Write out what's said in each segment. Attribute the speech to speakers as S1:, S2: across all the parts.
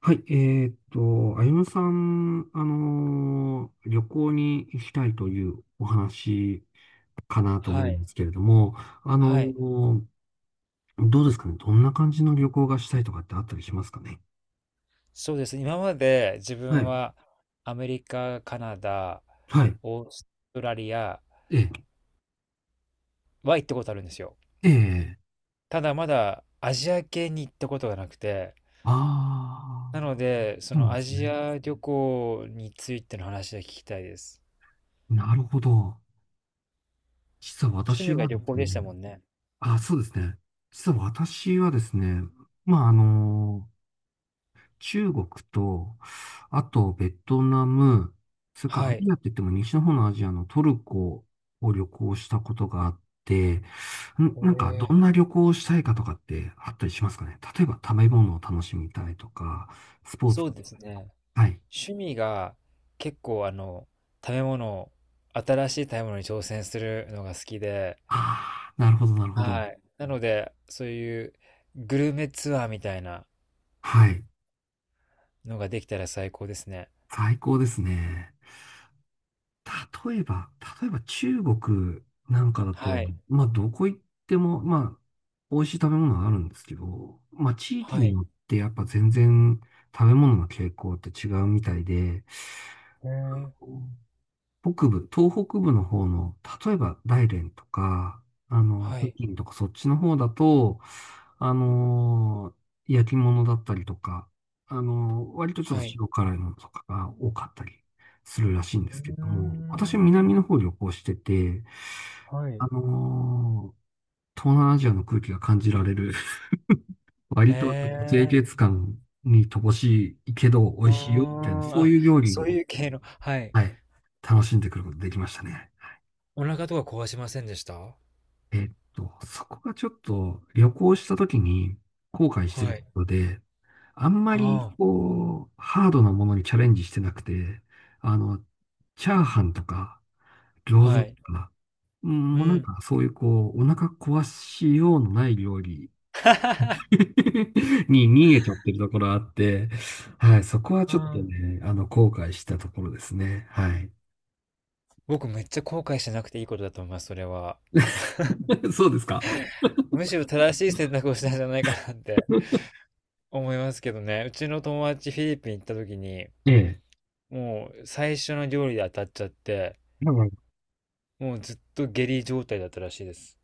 S1: はい、あゆむさん、旅行に行きたいというお話かなと思
S2: は
S1: うん
S2: い。
S1: ですけれども、あの
S2: はい。
S1: ーどうですかね、どんな感じの旅行がしたいとかってあったりしますかね。
S2: そうですね。今まで自
S1: は
S2: 分
S1: い、
S2: はアメリカ、カナダ、
S1: はい、
S2: オーストラリア
S1: ええ、
S2: は行ったことあるんですよ。
S1: ええ、
S2: ただまだアジア系に行ったことがなくて、
S1: ああ、
S2: なので、そ
S1: そうなん
S2: の
S1: で
S2: ア
S1: す
S2: ジ
S1: ね。
S2: ア旅行についての話が聞きたいです。
S1: なるほど。実は
S2: 趣
S1: 私
S2: 味が
S1: はで
S2: 旅行
S1: す
S2: でし
S1: ね、
S2: たもんね。
S1: あ、そうですね。実は私はですね、まあ、あの中国と、あとベトナム、それからア
S2: はい。
S1: ジアって言っても西の方のアジアのトルコを旅行したことがあって、ん
S2: へ
S1: なんかど
S2: え。
S1: んな旅行をしたいかとかってあったりしますかね、例えば食べ物を楽しみたいとか、スポーツ。
S2: そうですね。
S1: はい。
S2: 趣味が結構食べ物、新しい食べ物に挑戦するのが好きで、
S1: ああ、なるほど、なるほど。
S2: はい。なので、そういうグルメツアーみたいな
S1: はい。
S2: のができたら最高ですね。
S1: 最高ですね。例えば、例えば中国なんかだと、
S2: はい。
S1: まあどこ行っても、まあ美味しい食べ物はあるんですけど、まあ地域
S2: は
S1: に
S2: い。
S1: よってやっぱ全然食べ物の傾向って違うみたいで、
S2: へえ。
S1: 北部、東北部の方の、例えば大連とか、あの、
S2: は
S1: 北
S2: い。
S1: 京とかそっちの方だと、あのー焼き物だったりとか、割とちょっ
S2: は
S1: と
S2: い。
S1: 塩辛いものとかが多かったりするらしいん
S2: う
S1: ですけど
S2: ー
S1: も、私は南
S2: ん。
S1: の方旅行してて、
S2: は
S1: あ
S2: い。
S1: のー東南アジアの空気が感じられる、
S2: へ
S1: 割と清潔
S2: え。
S1: 感に乏しいけど美
S2: うー
S1: 味しいよ、みたいな、
S2: ん。
S1: そう
S2: あ、
S1: いう料理
S2: そう
S1: を、
S2: いう系の、はい。
S1: はい、楽しんでくることができましたね。
S2: お腹とか壊しませんでした？
S1: えっと、そこがちょっと旅行した時に後悔して
S2: は
S1: ると
S2: い。
S1: ころで、あんまり
S2: はあ。
S1: こう、ハードなものにチャレンジしてなくて、あの、チャーハンとか餃
S2: は
S1: 子と
S2: い。
S1: か、うん
S2: う
S1: もうなん
S2: ん。
S1: かそういうこう、お腹壊しようのない料理 に逃げちゃってるところあって、はい、そこは
S2: う
S1: ちょっと
S2: ん。
S1: ね、あの、後悔したところですね。はい。
S2: 僕めっちゃ後悔しなくていいことだと思います、それは。
S1: そうですか。
S2: むしろ正しい選択をしたんじゃないかなって。思いますけどね。うちの友達フィリピン行った時に、
S1: ええ。
S2: もう最初の料理で当たっちゃって、
S1: なる
S2: もうずっと下痢状態だったらしいです。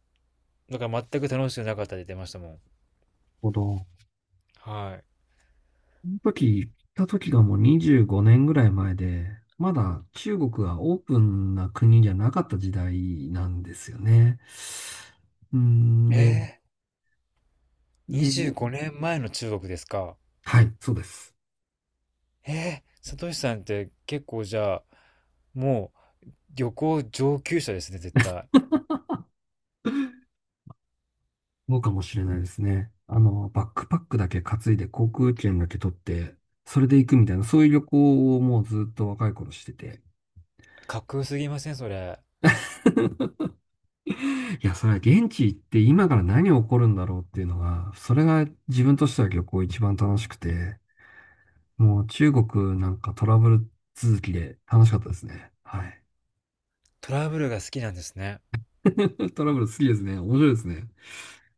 S2: だから全く楽しくなかったって言ってましたもん。
S1: ほど。
S2: はい。
S1: その時行った時がもう25年ぐらい前で、まだ中国がオープンな国じゃなかった時代なんですよね。うん、で、
S2: え25
S1: で、
S2: 年前の中国ですか？
S1: はい、そうです。
S2: えー、サトシさんって結構じゃあ、もう旅行上級者ですね、絶対。
S1: そうかもしれないですね。あの、バックパックだけ担いで航空券だけ取って、それで行くみたいな、そういう旅行をもうずっと若い頃してて。
S2: かっこよすぎません、それ？
S1: いや、それは現地行って今から何起こるんだろうっていうのが、それが自分としては旅行一番楽しくて。もう中国なんかトラブル続きで楽しかったですね。はい。
S2: トラブルが好きなんですね。
S1: トラブル好きですね。面白いですね。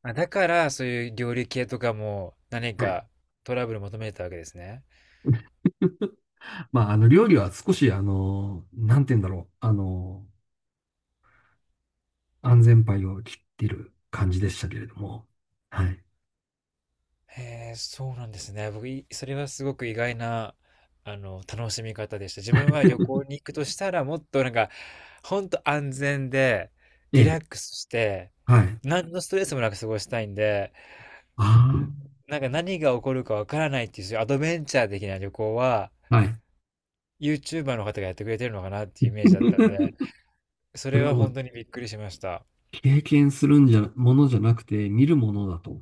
S2: あ、だからそういう料理系とかも何
S1: はい。
S2: かトラブル求めてたわけですね。
S1: まあ、あの、料理は少し、あの、なんて言うんだろう。あの、安全牌を切ってる感じでしたけれども。はい。
S2: へえ、そうなんですね。僕、それはすごく意外な、楽しみ方でした。自分は旅行に行くとしたら、もっとなんか、ほんと安全で、
S1: え
S2: リラ
S1: え。
S2: ックスして、
S1: はい。
S2: 何のストレスもなく過ごしたいんで、
S1: あ
S2: なんか何が起こるかわからないっていう、そういうアドベンチャー的な旅行は、
S1: あ。はい。
S2: YouTuber の方がやってくれてるのかなっていうイメージだったんで、そ
S1: そ
S2: れ
S1: れは
S2: は
S1: も
S2: 本
S1: う、
S2: 当にびっくりしました。
S1: 経験するんじゃ、ものじゃなくて、見るものだと。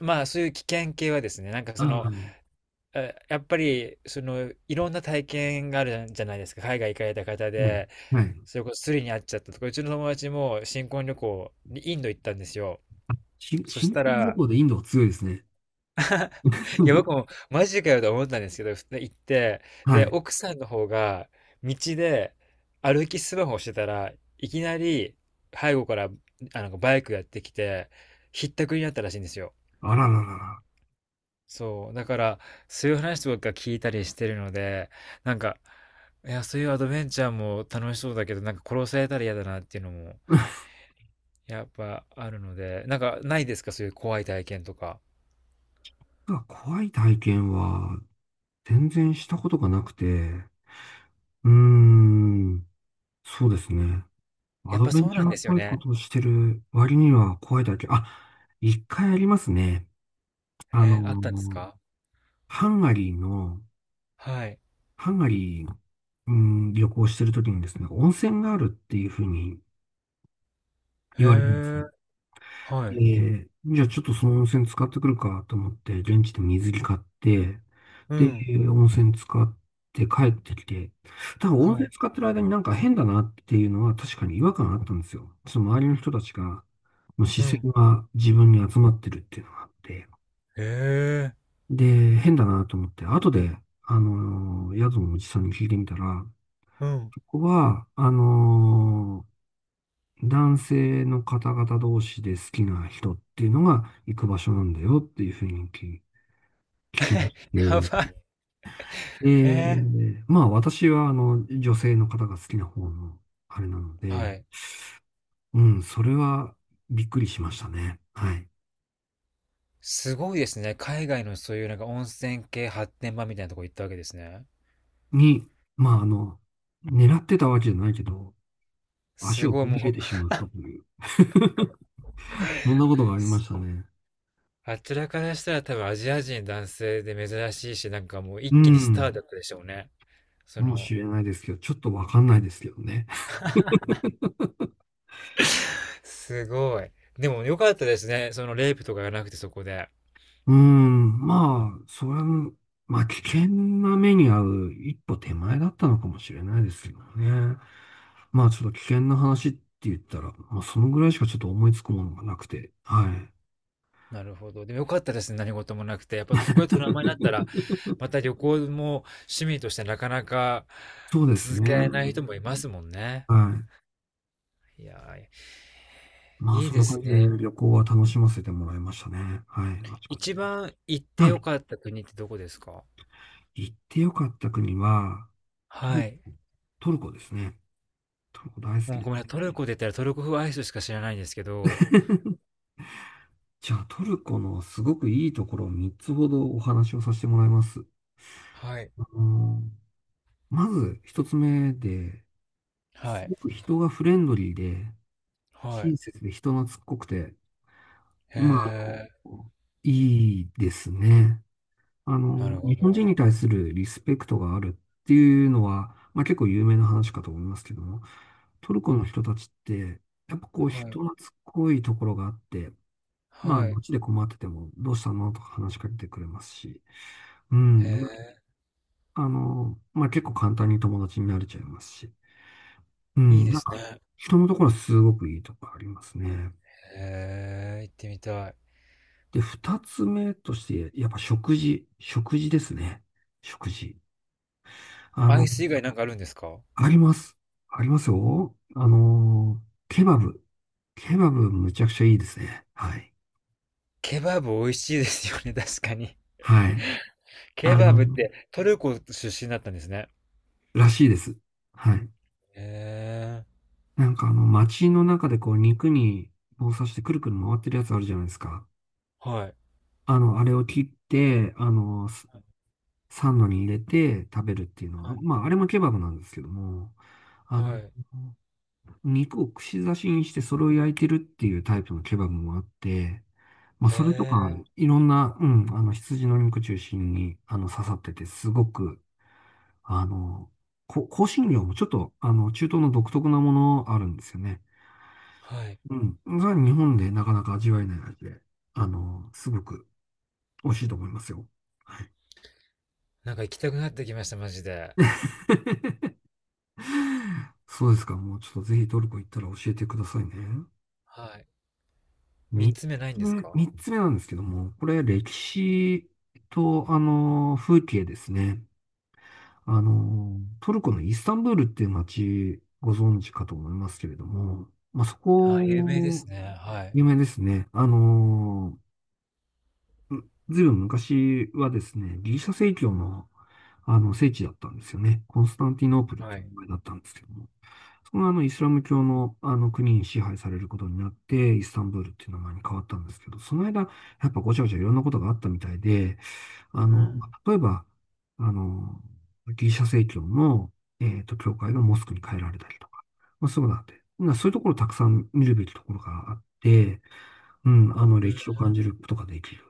S2: まあ、そういう危険系はですね、なんかそ
S1: ああ、
S2: の、
S1: はい。
S2: やっぱり、その、いろんな体験があるじゃないですか。海外行かれた方で、
S1: はい。
S2: それこそスリに会っちゃったとか、うちの友達も新婚旅行にインド行ったんですよ。
S1: し新
S2: そし
S1: 新
S2: た
S1: 婚旅
S2: ら、
S1: 行でインドは強いですね。
S2: いや、僕も マジかよと思ったんですけど、普通に行って、
S1: は
S2: で、
S1: い。
S2: 奥さんの方が道で歩きスマホをしてたらいきなり背後からあのバイクやってきて、ひったくりになったらしいんですよ。
S1: あらららら。
S2: そう、だから、そういう話とか聞いたりしてるので、なんか、いや、そういうアドベンチャーも楽しそうだけど、なんか殺されたら嫌だなっていうのも、やっぱあるので、なんかないですかそういう怖い体験とか？
S1: まあ怖い体験は全然したことがなくて、うーん、そうですね。ア
S2: やっ
S1: ド
S2: ぱ
S1: ベ
S2: そ
S1: ン
S2: う
S1: チ
S2: な
S1: ャ
S2: ん
S1: ー
S2: で
S1: っ
S2: すよ
S1: ぽいこ
S2: ね。
S1: とをしてる割には怖い体験。あ、一回ありますね。あ
S2: え、あったんです
S1: の、
S2: か？
S1: ハンガリーの、
S2: はい。
S1: ハンガリー、うん、旅行してるときにですね、温泉があるっていうふうに
S2: へ
S1: 言われたんです
S2: え、
S1: よ。
S2: は
S1: え
S2: い。
S1: え、じゃあちょっとその温泉使ってくるかと思って、現地で水着買って、
S2: うん。
S1: で、温泉使って帰ってきて、ただ温
S2: は
S1: 泉
S2: い。
S1: 使ってる間になんか変だなっていうのは確かに違和感あったんですよ。その周りの人たちが、もう視
S2: う
S1: 線
S2: ん。
S1: が自分に集まってるっていうのがあって、
S2: へえ、
S1: で、変だなと思って、後で、宿のおじさんに聞いてみたら、
S2: うん。
S1: ここは、男性の方々同士で好きな人っていうのが行く場所なんだよっていうふうに聞きまし
S2: や
S1: て、
S2: ばい。え
S1: で、
S2: ー
S1: まあ私はあの女性の方が好きな方のあれなの
S2: は
S1: で、
S2: い。
S1: うん、それはびっくりしましたね。はい。
S2: すごいですね。海外のそういうなんか温泉系発展場みたいなとこ行ったわけですね。
S1: に、まああの、狙ってたわけじゃないけど、足
S2: す
S1: を
S2: ごい
S1: 踏み入れ
S2: もう、
S1: てしまったという、そんなことがありましたね。
S2: あちらからしたら多分アジア人男性で珍しいし、なんかもう一
S1: う
S2: 気にスター
S1: ん、
S2: だったでしょうね。そ
S1: かも
S2: の、
S1: しれないですけど、ちょっとわかんないですけどね。
S2: すごい。でも良かったですね。そのレイプとかがなくてそこで。
S1: うーん、まあ、それも、まあ、危険な目に遭う一歩手前だったのかもしれないですけどね。まあ、ちょっと危険な話って言ったら、まあ、そのぐらいしかちょっと思いつくものがなくて、はい。
S2: なるほど。でも良かったですね。何事もなくて。やっぱそこでトラウマになったら、また旅行も趣味としてなかなか
S1: そうです
S2: 続
S1: ね。
S2: けられない人もいますもんね。
S1: はい。
S2: いやー、
S1: まあ、
S2: いい
S1: そん
S2: で
S1: な感
S2: す
S1: じで
S2: ね。
S1: 旅行は楽しませてもらいましたね。はい。あちこち
S2: 一
S1: で。
S2: 番行って
S1: は
S2: 良
S1: い。
S2: かった国ってどこですか？
S1: 行ってよかった国は、トル
S2: は
S1: コ、
S2: い。
S1: トルコですね。トルコ大好き
S2: もう
S1: で
S2: ご
S1: す。
S2: めんなさい、トルコで言ったらトルコ風アイスしか知らないんですけど、
S1: じゃあ、トルコのすごくいいところを3つほどお話をさせてもらいます。
S2: はい。
S1: あのーまず一つ目で、
S2: は
S1: す
S2: い。
S1: ごく人がフレンドリーで、
S2: はい。
S1: 親切で人懐っこくて、
S2: へ
S1: まあ、あの
S2: え、
S1: いいですね。あ
S2: なる
S1: の、
S2: なるほ
S1: 日本人
S2: ど。
S1: に対するリスペクトがあるっていうのは、まあ結構有名な話かと思いますけども、トルコの人たちって、やっぱこう
S2: はい。
S1: 人懐っこいところがあって、まあ
S2: はい。
S1: 街で困っててもどうしたのとか話しかけてくれますし、う
S2: へ
S1: ん。
S2: え、
S1: あの、まあ、結構簡単に友達になれちゃいますし。う
S2: いい
S1: ん。
S2: で
S1: なん
S2: す
S1: か、
S2: ね。
S1: 人のところすごくいいとこありますね。
S2: へえ、行ってみたい。
S1: で、二つ目として、やっぱ食事。食事ですね。食事。あ
S2: ア
S1: の、
S2: イス以外なんかあるんですか？
S1: あります。ありますよ。あの、ケバブ。ケバブむちゃくちゃいいですね。はい。
S2: ケバブ美味しいですよね、確かに。
S1: はい。
S2: ケ
S1: あ
S2: バブっ
S1: の、
S2: てトルコ出身だったんですね。
S1: らしいです。はい。
S2: へえ、
S1: なんかあの、街の中でこう、肉に棒刺してくるくる回ってるやつあるじゃないですか。
S2: はい。
S1: あの、あれを切って、あの、サンドに入れて食べるっていうの
S2: は
S1: は、
S2: い。
S1: まあ、あれもケバブなんですけども、あ
S2: は
S1: の、
S2: い。
S1: 肉を串刺しにしてそれを焼いてるっていうタイプのケバブもあって、まあ、
S2: へ
S1: それとか、
S2: え、
S1: いろんな、うん、あの、羊の肉中心に、あの、刺さってて、すごく、あの、香辛料もちょっと、あの、中東の独特なものあるんですよね。
S2: はい。
S1: うん。それは日本でなかなか味わえない味で、あの、すごく美味しいと思いますよ。
S2: なんか行きたくなってきました、マジで。
S1: そうですか。もうちょっとぜひトルコ行ったら教えてくださいね。
S2: はい。三
S1: 三
S2: つ目ないんですか？
S1: 三つ目なんですけども、これ歴史と、あの、風景ですね。あの、トルコのイスタンブールっていう街、ご存知かと思いますけれども、まあ、そ
S2: あ、有名で
S1: こ、
S2: すね。はい。
S1: 有名ですね。あの、ずいぶん昔はですね、ギリシャ正教の、あの、聖地だったんですよね。コンスタンティノープルっ
S2: は
S1: ていう
S2: い。
S1: 名前だったんですけども。そのあのイスラム教のあの国に支配されることになって、イスタンブールっていう名前に変わったんですけど、その間、やっぱごちゃごちゃいろんなことがあったみたいで、あ
S2: う
S1: の、ま
S2: ん。
S1: あ例えば、あの、ギリシャ正教の、えっと、教会がモスクに変えられたりとか、まあ、そういうことがあって、なそういうところたくさん見るべきところがあって、うん、あの、
S2: う
S1: 歴史を感
S2: ん。
S1: じることができる。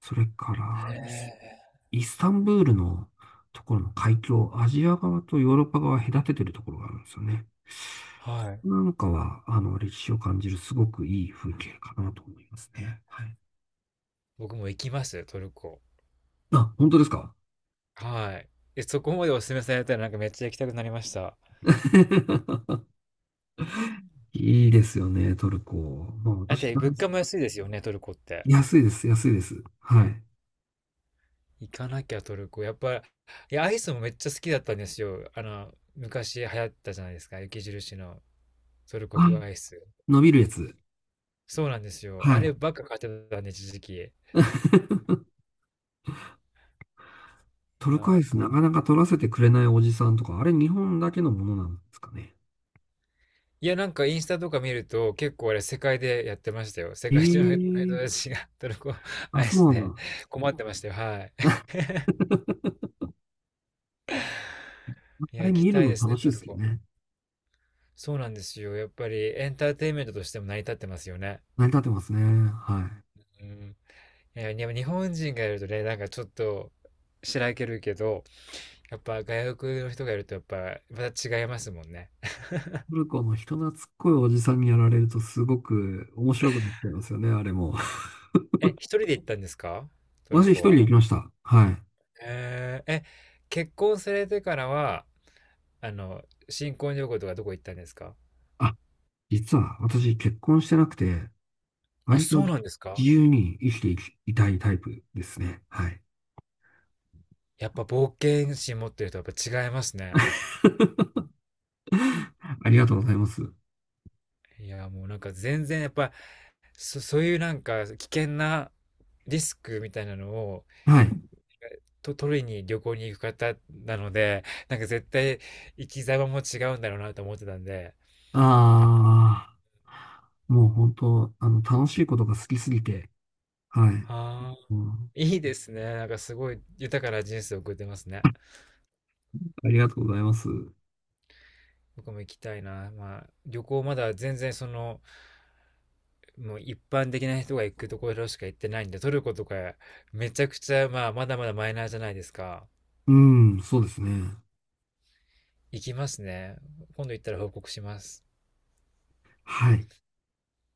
S1: それか
S2: へ
S1: ら、
S2: え、
S1: イスタンブールのところの海峡、アジア側とヨーロッパ側隔ててるところがあるんですよね。
S2: はい。
S1: なんかは、あの、歴史を感じるすごくいい風景かなと思いますね。はい。
S2: 僕も行きますよ、トルコ。
S1: あ、本当ですか？
S2: はい。え、そこまでお勧めされたらなんかめっちゃ行きたくなりました。
S1: いいですよね、トルコ。まあ、
S2: だっ
S1: 私
S2: て
S1: 大好
S2: 物
S1: き、
S2: 価も安いですよね、トルコって。
S1: 安いです、安いです。はい。
S2: 行かなきゃトルコ。やっぱ、いや、アイスもめっちゃ好きだったんですよ。昔流行ったじゃないですか、雪印のトルコ
S1: あ、
S2: 風アイス。
S1: 伸びるやつ。
S2: そうなんですよ。あ
S1: はい。
S2: ればっか買ってたんで、一時期。い
S1: トルコ
S2: や、
S1: アイスなかなか取らせてくれないおじさんとか、あれ日本だけのものなんですかね。
S2: いや、なんかインスタとか見ると結構あれ世界でやってましたよ。世界中の人
S1: ええ、
S2: たちがトルコ
S1: あ、
S2: アイ
S1: そう
S2: ス
S1: なん
S2: で
S1: だ。
S2: 困ってましたよ。はい。い
S1: あ
S2: や、
S1: れ
S2: 行き
S1: 見る
S2: たい
S1: の
S2: ですね、
S1: 楽しい
S2: ト
S1: で
S2: ル
S1: すよ
S2: コ。
S1: ね。
S2: そうなんですよ。やっぱりエンターテインメントとしても成り立ってますよね。
S1: 成り立ってますね。はい。
S2: うん。いや、でも日本人がいるとね、なんかちょっとしらけるけど、やっぱ外国の人がいるとやっぱまた違いますもんね。
S1: トルコの人懐っこいおじさんにやられるとすごく面白くなっちゃいますよね、あれも。
S2: え、一人で行ったんですか？トル
S1: 私一
S2: コ
S1: 人で
S2: は。
S1: 行きました。はい。
S2: えー、え、結婚されてからは、あの、新婚旅行とかどこ行ったんですか？
S1: あ、実は私結婚してなくて、
S2: あ、
S1: 割と
S2: そうなんですか？
S1: 自由に生きていき、いたいタイプですね。はい。
S2: やっぱ冒険心持ってるとやっぱ違いますね。
S1: ありがとうございます。
S2: いや、もうなんか全然やっぱ、そういうなんか危険なリスクみたいなのを
S1: はい。
S2: と取りに旅行に行く方なので、なんか絶対生き様も違うんだろうなと思ってたんで、
S1: ああ、もう本当、あの、楽しいことが好きすぎて、はい。
S2: ああ、
S1: うん、
S2: いいですね。なんかすごい豊かな人生を送ってますね。
S1: ありがとうございます。
S2: 僕も行きたいな。まあ、旅行まだ全然その、もう一般的な人が行くところしか行ってないんで、トルコとかめちゃくちゃ、まあ、まだまだマイナーじゃないですか。
S1: うん、そうですね。
S2: 行きますね。今度行ったら報告します。
S1: はい。